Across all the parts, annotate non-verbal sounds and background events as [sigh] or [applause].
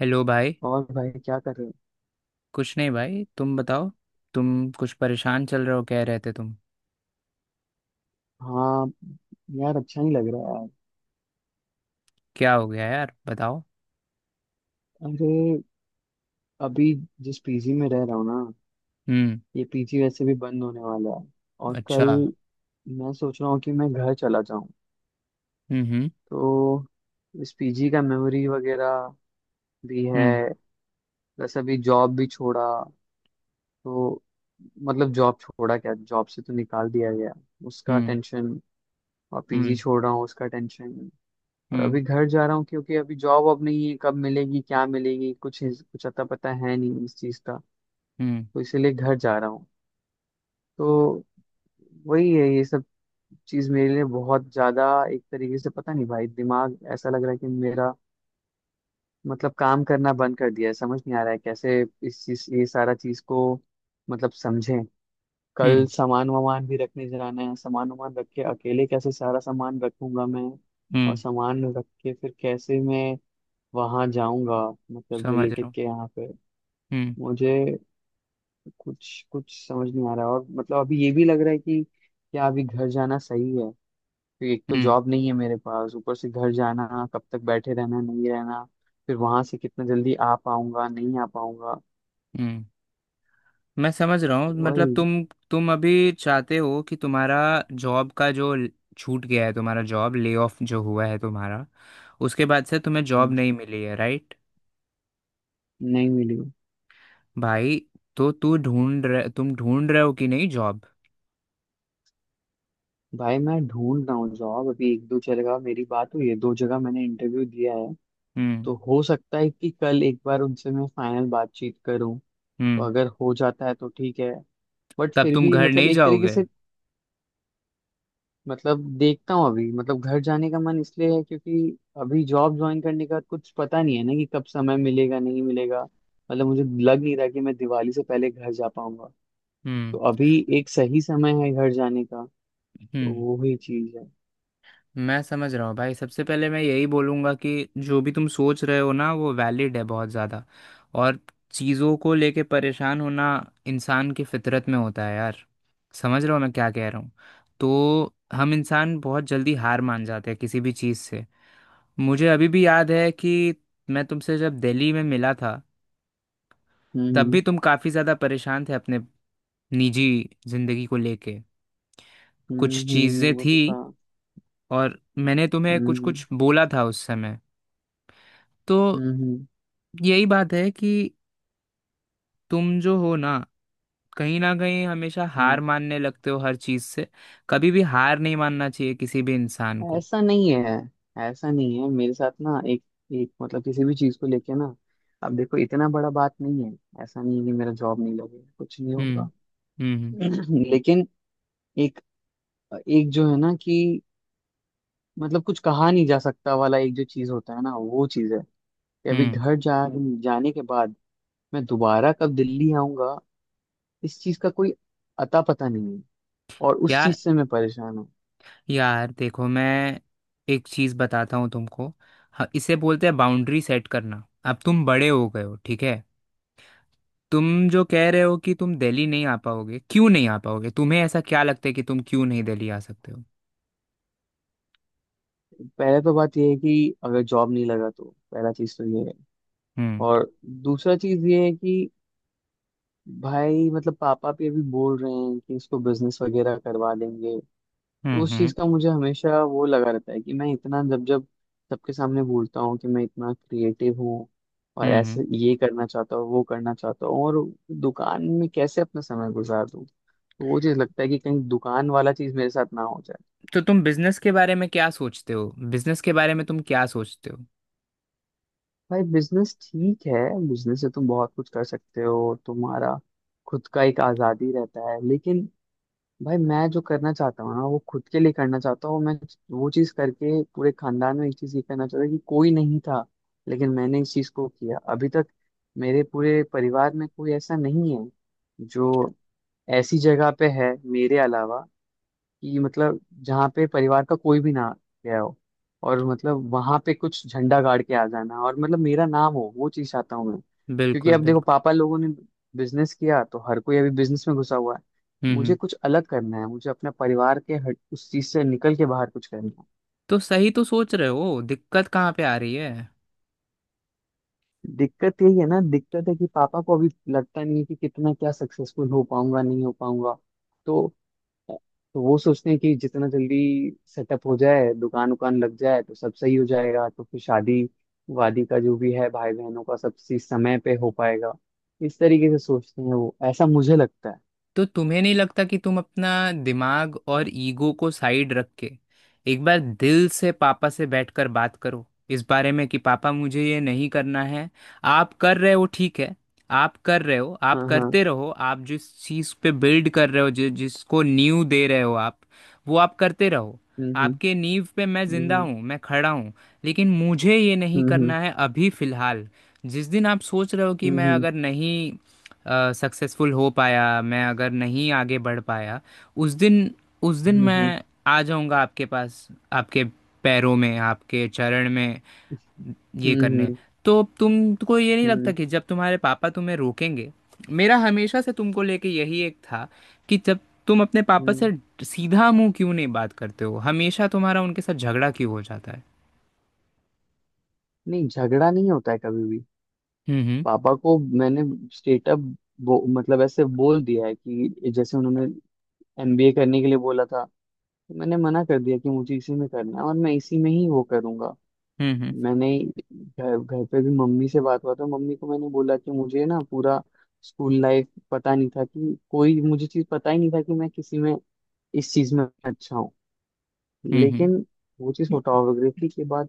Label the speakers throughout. Speaker 1: Hello भाई।
Speaker 2: और भाई क्या कर रहे
Speaker 1: कुछ नहीं भाई, तुम बताओ। तुम कुछ परेशान चल रहे हो, कह रहे थे तुम।
Speaker 2: हो? हाँ यार, अच्छा नहीं लग रहा है यार।
Speaker 1: क्या हो गया यार, बताओ।
Speaker 2: अरे, अभी जिस पीजी में रह रहा हूँ ना,
Speaker 1: हम्म।
Speaker 2: ये पीजी वैसे भी बंद होने वाला है। और कल
Speaker 1: अच्छा।
Speaker 2: मैं सोच रहा हूँ कि मैं घर चला जाऊँ।
Speaker 1: हम्म।
Speaker 2: तो इस पीजी का मेमोरी वगैरह भी है।
Speaker 1: हम्म।
Speaker 2: जैसे अभी जॉब भी छोड़ा, तो मतलब जॉब छोड़ा क्या, जॉब से तो निकाल दिया गया, उसका
Speaker 1: हम्म।
Speaker 2: टेंशन। और पीजी
Speaker 1: हम्म।
Speaker 2: छोड़ रहा हूँ, उसका टेंशन। और
Speaker 1: हम्म।
Speaker 2: अभी घर जा रहा हूँ, क्योंकि अभी जॉब अब नहीं है, कब मिलेगी क्या मिलेगी कुछ अता पता है नहीं इस चीज़ का।
Speaker 1: हम्म।
Speaker 2: तो इसीलिए घर जा रहा हूँ। तो वही है, ये सब चीज़ मेरे लिए बहुत ज़्यादा एक तरीके से, पता नहीं भाई, दिमाग ऐसा लग रहा है कि मेरा मतलब काम करना बंद कर दिया है। समझ नहीं आ रहा है कैसे इस चीज़, ये सारा चीज़ को मतलब समझें।
Speaker 1: हम्म। हम्म,
Speaker 2: कल सामान वामान भी रखने जाना है, सामान वामान रख के अकेले कैसे सारा सामान रखूंगा मैं, और
Speaker 1: हम्म,
Speaker 2: सामान रख के फिर कैसे मैं वहां जाऊंगा, मतलब
Speaker 1: समझ रहा
Speaker 2: रिलेटिव
Speaker 1: हूँ।
Speaker 2: के यहाँ पे।
Speaker 1: हम्म।
Speaker 2: मुझे कुछ कुछ समझ नहीं आ रहा है। और मतलब अभी ये भी लग रहा है कि क्या अभी घर जाना सही है, क्योंकि एक तो
Speaker 1: हम्म।
Speaker 2: जॉब नहीं है मेरे पास, ऊपर से घर जाना, कब तक बैठे रहना नहीं रहना, फिर वहां से कितना जल्दी आ पाऊंगा नहीं आ पाऊंगा।
Speaker 1: हम्म। मैं समझ रहा हूँ, मतलब
Speaker 2: वही।
Speaker 1: तुम अभी चाहते हो कि तुम्हारा जॉब का जो छूट गया है, तुम्हारा जॉब ले ऑफ जो हुआ है तुम्हारा, उसके बाद से तुम्हें जॉब नहीं मिली है, राइट?
Speaker 2: नहीं मिली।
Speaker 1: भाई, तो तू ढूंढ रहे तुम ढूंढ रहे हो कि नहीं जॉब।
Speaker 2: भाई मैं ढूंढ रहा हूँ जॉब, अभी एक दो जगह मेरी बात हुई है, दो जगह मैंने इंटरव्यू दिया है।
Speaker 1: हम्म।
Speaker 2: तो हो सकता है कि कल एक बार उनसे मैं फाइनल बातचीत करूँ। तो
Speaker 1: हम्म।
Speaker 2: अगर हो जाता है तो ठीक है, बट
Speaker 1: तब
Speaker 2: फिर
Speaker 1: तुम
Speaker 2: भी
Speaker 1: घर
Speaker 2: मतलब
Speaker 1: नहीं
Speaker 2: एक तरीके
Speaker 1: जाओगे?
Speaker 2: से, मतलब देखता हूँ। अभी मतलब घर जाने का मन इसलिए है, क्योंकि अभी जॉब ज्वाइन करने का कुछ पता नहीं है ना, कि कब समय मिलेगा नहीं मिलेगा। मतलब मुझे लग नहीं रहा कि मैं दिवाली से पहले घर जा पाऊंगा। तो
Speaker 1: हम्म।
Speaker 2: अभी एक सही समय है घर जाने का। तो
Speaker 1: हम्म।
Speaker 2: वो ही चीज है।
Speaker 1: मैं समझ रहा हूँ भाई, सबसे पहले मैं यही बोलूँगा कि जो भी तुम सोच रहे हो ना, वो वैलिड है बहुत ज़्यादा। और चीज़ों को लेके परेशान होना इंसान की फितरत में होता है यार। समझ रहे हो मैं क्या कह रहा हूँ? तो हम इंसान बहुत जल्दी हार मान जाते हैं किसी भी चीज़ से। मुझे अभी भी याद है कि मैं तुमसे जब दिल्ली में मिला था, तब भी
Speaker 2: हम्म,
Speaker 1: तुम काफ़ी ज़्यादा परेशान थे अपने निजी ज़िंदगी को लेके।
Speaker 2: हम्म,
Speaker 1: कुछ
Speaker 2: हम्म।
Speaker 1: चीजें
Speaker 2: वो
Speaker 1: थी,
Speaker 2: तो सा
Speaker 1: और मैंने तुम्हें कुछ
Speaker 2: हम्म,
Speaker 1: कुछ बोला था उस समय। तो
Speaker 2: हम्म, हम्म,
Speaker 1: यही बात है कि तुम जो हो ना, कहीं ना कहीं हमेशा हार
Speaker 2: हम्म।
Speaker 1: मानने लगते हो हर चीज से। कभी भी हार नहीं मानना चाहिए किसी भी इंसान को।
Speaker 2: ऐसा नहीं है, ऐसा नहीं है मेरे साथ ना। एक एक मतलब किसी भी चीज को लेके ना, अब देखो इतना बड़ा बात नहीं है, ऐसा नहीं है कि मेरा जॉब नहीं लगेगा कुछ नहीं
Speaker 1: हम्म।
Speaker 2: होगा।
Speaker 1: हम्म।
Speaker 2: [clears throat] लेकिन एक एक जो है ना कि मतलब, कुछ कहा नहीं जा सकता वाला एक जो चीज होता है ना, वो चीज है कि अभी
Speaker 1: हम्म।
Speaker 2: घर जा जाने के बाद मैं दोबारा कब दिल्ली आऊंगा, इस चीज का कोई अता पता नहीं है, और उस
Speaker 1: यार,
Speaker 2: चीज से मैं परेशान हूँ।
Speaker 1: यार देखो, मैं एक चीज बताता हूँ तुमको। इसे बोलते हैं बाउंड्री सेट करना। अब तुम बड़े हो गए हो, ठीक है। तुम जो कह रहे हो कि तुम दिल्ली नहीं आ पाओगे, क्यों नहीं आ पाओगे? तुम्हें ऐसा क्या लगता है कि तुम क्यों नहीं दिल्ली आ सकते हो?
Speaker 2: पहले तो बात यह है कि अगर जॉब नहीं लगा तो पहला चीज तो ये है,
Speaker 1: हम्म।
Speaker 2: और दूसरा चीज ये है कि भाई मतलब पापा भी अभी बोल रहे हैं कि इसको बिजनेस वगैरह करवा देंगे। तो
Speaker 1: हम्म।
Speaker 2: उस चीज
Speaker 1: हम्म।
Speaker 2: का मुझे हमेशा वो लगा रहता है कि मैं इतना, जब जब सबके सामने बोलता हूँ कि मैं इतना क्रिएटिव हूँ और
Speaker 1: हम्म। हम्म।
Speaker 2: ऐसे ये करना चाहता हूँ वो करना चाहता हूँ, और दुकान में कैसे अपना समय गुजार दूँ, तो वो चीज लगता है कि कहीं दुकान वाला चीज मेरे साथ ना हो जाए।
Speaker 1: तो तुम बिजनेस के बारे में क्या सोचते हो? बिजनेस के बारे में तुम क्या सोचते हो?
Speaker 2: भाई बिजनेस ठीक है, बिजनेस से तुम बहुत कुछ कर सकते हो, तुम्हारा खुद का एक आजादी रहता है। लेकिन भाई मैं जो करना चाहता हूँ ना, वो खुद के लिए करना चाहता हूँ मैं। वो चीज़ करके पूरे खानदान में एक चीज़ ये करना चाहता हूँ कि कोई नहीं था, लेकिन मैंने इस चीज़ को किया। अभी तक मेरे पूरे परिवार में कोई ऐसा नहीं है जो ऐसी जगह पे है मेरे अलावा, कि मतलब जहाँ पे परिवार का कोई भी ना गया हो, और मतलब वहां पे कुछ झंडा गाड़ के आ जाना, और मतलब मेरा नाम हो, वो चीज चाहता हूँ मैं। क्योंकि
Speaker 1: बिल्कुल
Speaker 2: अब देखो,
Speaker 1: बिल्कुल।
Speaker 2: पापा लोगों ने बिजनेस किया, तो हर कोई अभी बिजनेस में घुसा हुआ है।
Speaker 1: हम्म।
Speaker 2: मुझे
Speaker 1: हम्म।
Speaker 2: कुछ अलग करना है, मुझे अपने परिवार के हट, उस चीज से निकल के बाहर कुछ करना है।
Speaker 1: तो सही तो सोच रहे हो, दिक्कत कहाँ पे आ रही है?
Speaker 2: दिक्कत यही है ना, दिक्कत है कि पापा को अभी लगता नहीं है कि कितना क्या सक्सेसफुल हो पाऊंगा नहीं हो पाऊंगा। तो तो वो सोचते हैं कि जितना जल्दी सेटअप हो जाए, दुकान उकान लग जाए, तो सब सही हो जाएगा, तो फिर शादी वादी का जो भी है, भाई बहनों का सब चीज समय पे हो पाएगा। इस तरीके से सोचते हैं वो, ऐसा मुझे लगता है।
Speaker 1: तो तुम्हें नहीं लगता कि तुम अपना दिमाग और ईगो को साइड रख के एक बार दिल से पापा से बैठकर बात करो इस बारे में कि पापा, मुझे ये नहीं करना है। आप कर रहे हो, ठीक है। आप कर रहे हो, आप
Speaker 2: हाँ, हाँ।
Speaker 1: करते रहो, आप जिस चीज़ पे बिल्ड कर रहे हो, जिसको नींव दे रहे हो आप, वो आप करते रहो।
Speaker 2: हम्म,
Speaker 1: आपके नींव पे मैं जिंदा
Speaker 2: हम्म,
Speaker 1: हूँ, मैं खड़ा हूँ। लेकिन मुझे ये नहीं
Speaker 2: हम्म,
Speaker 1: करना है अभी फिलहाल। जिस दिन आप सोच रहे हो कि मैं
Speaker 2: हम्म,
Speaker 1: अगर नहीं सक्सेसफुल हो पाया, मैं अगर नहीं आगे बढ़ पाया, उस दिन, उस दिन
Speaker 2: हम्म, हम्म, हम्म,
Speaker 1: मैं आ जाऊंगा आपके पास, आपके पैरों में, आपके चरण में ये
Speaker 2: हम्म, हम्म,
Speaker 1: करने। तो तुमको ये नहीं
Speaker 2: हम्म,
Speaker 1: लगता
Speaker 2: हम्म,
Speaker 1: कि जब तुम्हारे पापा तुम्हें रोकेंगे? मेरा हमेशा से तुमको लेके यही एक था कि जब तुम अपने पापा
Speaker 2: हम्म।
Speaker 1: से सीधा मुंह क्यों नहीं बात करते हो, हमेशा तुम्हारा उनके साथ झगड़ा क्यों हो जाता है?
Speaker 2: नहीं, झगड़ा नहीं होता है कभी भी।
Speaker 1: हम्म।
Speaker 2: पापा को मैंने स्टेटअप मतलब ऐसे बोल दिया है, कि जैसे उन्होंने एमबीए करने के लिए बोला था, मैंने मना कर दिया कि मुझे इसी में करना है, और मैं इसी में ही वो करूंगा।
Speaker 1: हम्म। हम्म।
Speaker 2: मैंने घर घर पे भी मम्मी से बात हुआ, तो मम्मी को मैंने बोला कि मुझे ना, पूरा स्कूल लाइफ पता नहीं था कि कोई मुझे चीज पता ही नहीं था कि मैं किसी में, इस चीज में अच्छा हूँ।
Speaker 1: हम्म। हम्म।
Speaker 2: लेकिन वो चीज फोटोग्राफी के बाद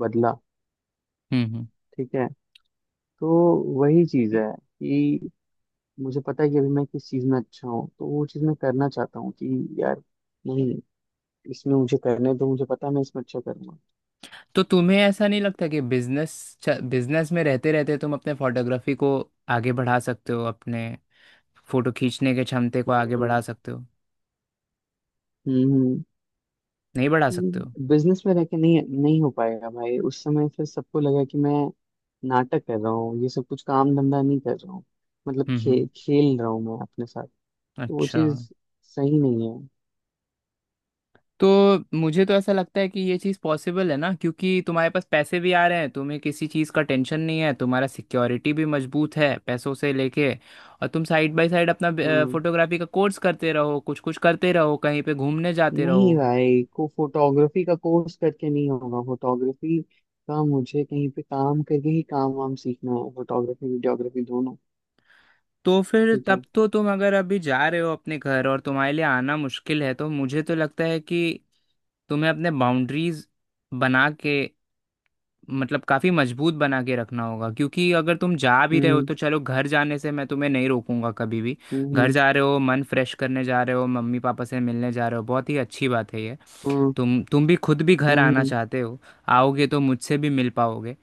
Speaker 2: बदला।
Speaker 1: हम्म। हम्म।
Speaker 2: ठीक है। तो वही चीज है कि मुझे पता है कि अभी मैं किस चीज में अच्छा हूँ, तो वो चीज मैं करना चाहता हूँ कि यार, नहीं, इसमें मुझे करने, तो मुझे पता है मैं इसमें अच्छा करूंगा।
Speaker 1: तो तुम्हें ऐसा नहीं लगता कि बिजनेस, बिजनेस में रहते रहते तुम अपने फोटोग्राफी को आगे बढ़ा सकते हो, अपने फोटो खींचने के क्षमते को आगे
Speaker 2: हम्म,
Speaker 1: बढ़ा सकते हो?
Speaker 2: हम्म।
Speaker 1: नहीं बढ़ा सकते हो?
Speaker 2: बिजनेस में रह के नहीं, नहीं हो पाएगा भाई। उस समय फिर सबको लगा कि मैं नाटक कर रहा हूँ, ये सब कुछ काम धंधा नहीं कर रहा हूँ, मतलब
Speaker 1: हम्म। हम्म।
Speaker 2: खेल रहा हूँ मैं अपने साथ। तो वो
Speaker 1: अच्छा।
Speaker 2: चीज सही नहीं है।
Speaker 1: तो मुझे तो ऐसा लगता है कि ये चीज़ पॉसिबल है ना, क्योंकि तुम्हारे पास पैसे भी आ रहे हैं, तुम्हें किसी चीज़ का टेंशन नहीं है, तुम्हारा सिक्योरिटी भी मजबूत है पैसों से लेके। और तुम साइड बाय साइड अपना
Speaker 2: हम्म।
Speaker 1: फोटोग्राफी का कोर्स करते रहो, कुछ कुछ करते रहो, कहीं पे घूमने जाते
Speaker 2: नहीं
Speaker 1: रहो।
Speaker 2: भाई, को फोटोग्राफी का कोर्स करके नहीं होगा, फोटोग्राफी का मुझे कहीं पे काम करके ही काम वाम सीखना है, फोटोग्राफी वीडियोग्राफी दोनों।
Speaker 1: तो फिर
Speaker 2: ठीक
Speaker 1: तब
Speaker 2: है।
Speaker 1: तो तुम अगर अभी जा रहे हो अपने घर, और तुम्हारे लिए आना मुश्किल है, तो मुझे तो लगता है कि तुम्हें अपने बाउंड्रीज बना के, मतलब काफ़ी मजबूत बना के रखना होगा, क्योंकि अगर तुम जा भी रहे हो,
Speaker 2: हम्म,
Speaker 1: तो चलो, घर जाने से मैं तुम्हें नहीं रोकूंगा कभी भी। घर
Speaker 2: हम्म,
Speaker 1: जा रहे हो, मन फ्रेश करने जा रहे हो, मम्मी पापा से मिलने जा रहे हो, बहुत ही अच्छी बात है ये।
Speaker 2: हम्म,
Speaker 1: तुम भी खुद भी घर आना
Speaker 2: हम्म,
Speaker 1: चाहते हो, आओगे तो मुझसे भी मिल पाओगे,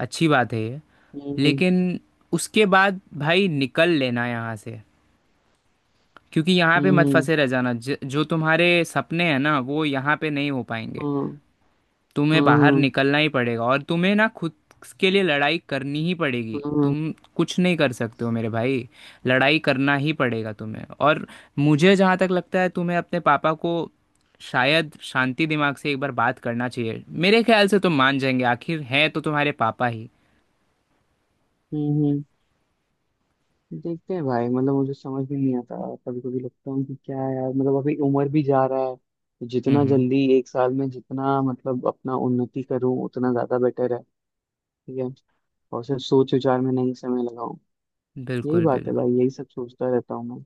Speaker 1: अच्छी बात है ये।
Speaker 2: हम्म, हम्म,
Speaker 1: लेकिन उसके बाद भाई निकल लेना यहाँ से, क्योंकि यहाँ पे मत
Speaker 2: हम्म,
Speaker 1: फंसे रह जाना, जो तुम्हारे सपने हैं ना, वो यहाँ पे नहीं हो पाएंगे।
Speaker 2: हम्म,
Speaker 1: तुम्हें बाहर
Speaker 2: हम्म,
Speaker 1: निकलना ही पड़ेगा, और तुम्हें ना खुद के लिए लड़ाई करनी ही पड़ेगी,
Speaker 2: हम्म, हम्म,
Speaker 1: तुम कुछ नहीं कर सकते हो मेरे भाई। लड़ाई करना ही पड़ेगा तुम्हें। और मुझे जहाँ तक लगता है, तुम्हें अपने पापा को शायद शांति दिमाग से एक बार बात करना चाहिए, मेरे ख्याल से तुम मान जाएंगे, आखिर है तो तुम्हारे पापा ही।
Speaker 2: हम्म। देखते हैं भाई, मतलब मुझे समझ भी नहीं आता। कभी कभी लगता हूँ कि क्या है यार, मतलब अभी उम्र भी जा रहा है, तो जितना
Speaker 1: हम्म।
Speaker 2: जल्दी एक साल में जितना मतलब अपना उन्नति करूँ, उतना ज्यादा बेटर है। ठीक है। और सिर्फ सोच विचार में नहीं समय लगाऊं। यही
Speaker 1: बिल्कुल
Speaker 2: बात है
Speaker 1: बिल्कुल।
Speaker 2: भाई, यही सब सोचता रहता हूँ मैं।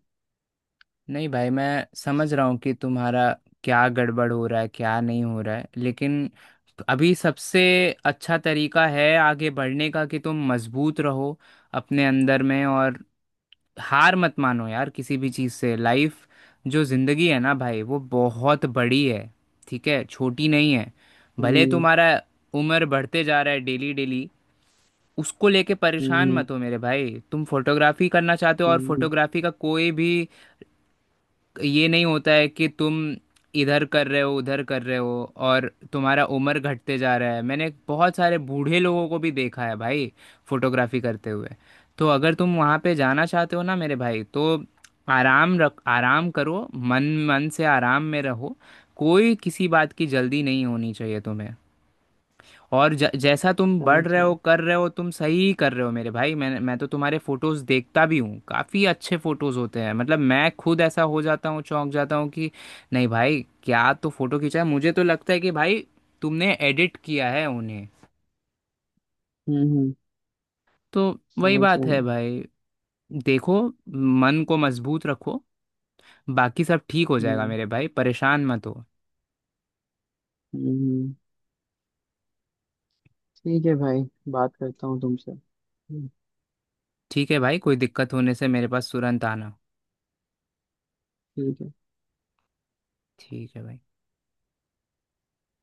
Speaker 1: नहीं भाई, मैं समझ रहा हूँ कि तुम्हारा क्या गड़बड़ हो रहा है, क्या नहीं हो रहा है, लेकिन अभी सबसे अच्छा तरीका है आगे बढ़ने का कि तुम मजबूत रहो अपने अंदर में, और हार मत मानो यार किसी भी चीज़ से। लाइफ, जो ज़िंदगी है ना भाई, वो बहुत बड़ी है। ठीक है, छोटी नहीं है। भले
Speaker 2: हम्म,
Speaker 1: तुम्हारा उम्र बढ़ते जा रहा है डेली डेली, उसको लेके परेशान
Speaker 2: हम्म,
Speaker 1: मत हो मेरे भाई। तुम फोटोग्राफी करना चाहते हो, और
Speaker 2: हम्म।
Speaker 1: फोटोग्राफी का कोई भी ये नहीं होता है कि तुम इधर कर रहे हो उधर कर रहे हो और तुम्हारा उम्र घटते जा रहा है। मैंने बहुत सारे बूढ़े लोगों को भी देखा है भाई, फोटोग्राफी करते हुए। तो अगर तुम वहाँ पे जाना चाहते हो ना मेरे भाई, तो आराम रख, आराम करो मन। मन से आराम में रहो। कोई किसी बात की जल्दी नहीं होनी चाहिए तुम्हें। और जैसा तुम
Speaker 2: समझ
Speaker 1: बढ़ रहे हो,
Speaker 2: गया।
Speaker 1: कर रहे हो, तुम सही कर रहे हो मेरे भाई। मैं तो तुम्हारे फोटोज देखता भी हूँ, काफी अच्छे फोटोज होते हैं, मतलब मैं खुद ऐसा हो जाता हूँ, चौंक जाता हूँ कि नहीं भाई, क्या तो फोटो खींचा है, मुझे तो लगता है कि भाई तुमने एडिट किया है उन्हें।
Speaker 2: हम्म, हम्म।
Speaker 1: तो वही
Speaker 2: समझ
Speaker 1: बात
Speaker 2: गया
Speaker 1: है
Speaker 2: मैं।
Speaker 1: भाई। देखो, मन को मजबूत रखो, बाकी सब ठीक हो जाएगा
Speaker 2: हम्म,
Speaker 1: मेरे भाई, परेशान मत हो।
Speaker 2: हम्म, ठीक है भाई, बात करता हूँ तुमसे। हम्म।
Speaker 1: ठीक है भाई, कोई दिक्कत होने से मेरे पास तुरंत आना।
Speaker 2: ठीक है।
Speaker 1: ठीक है भाई।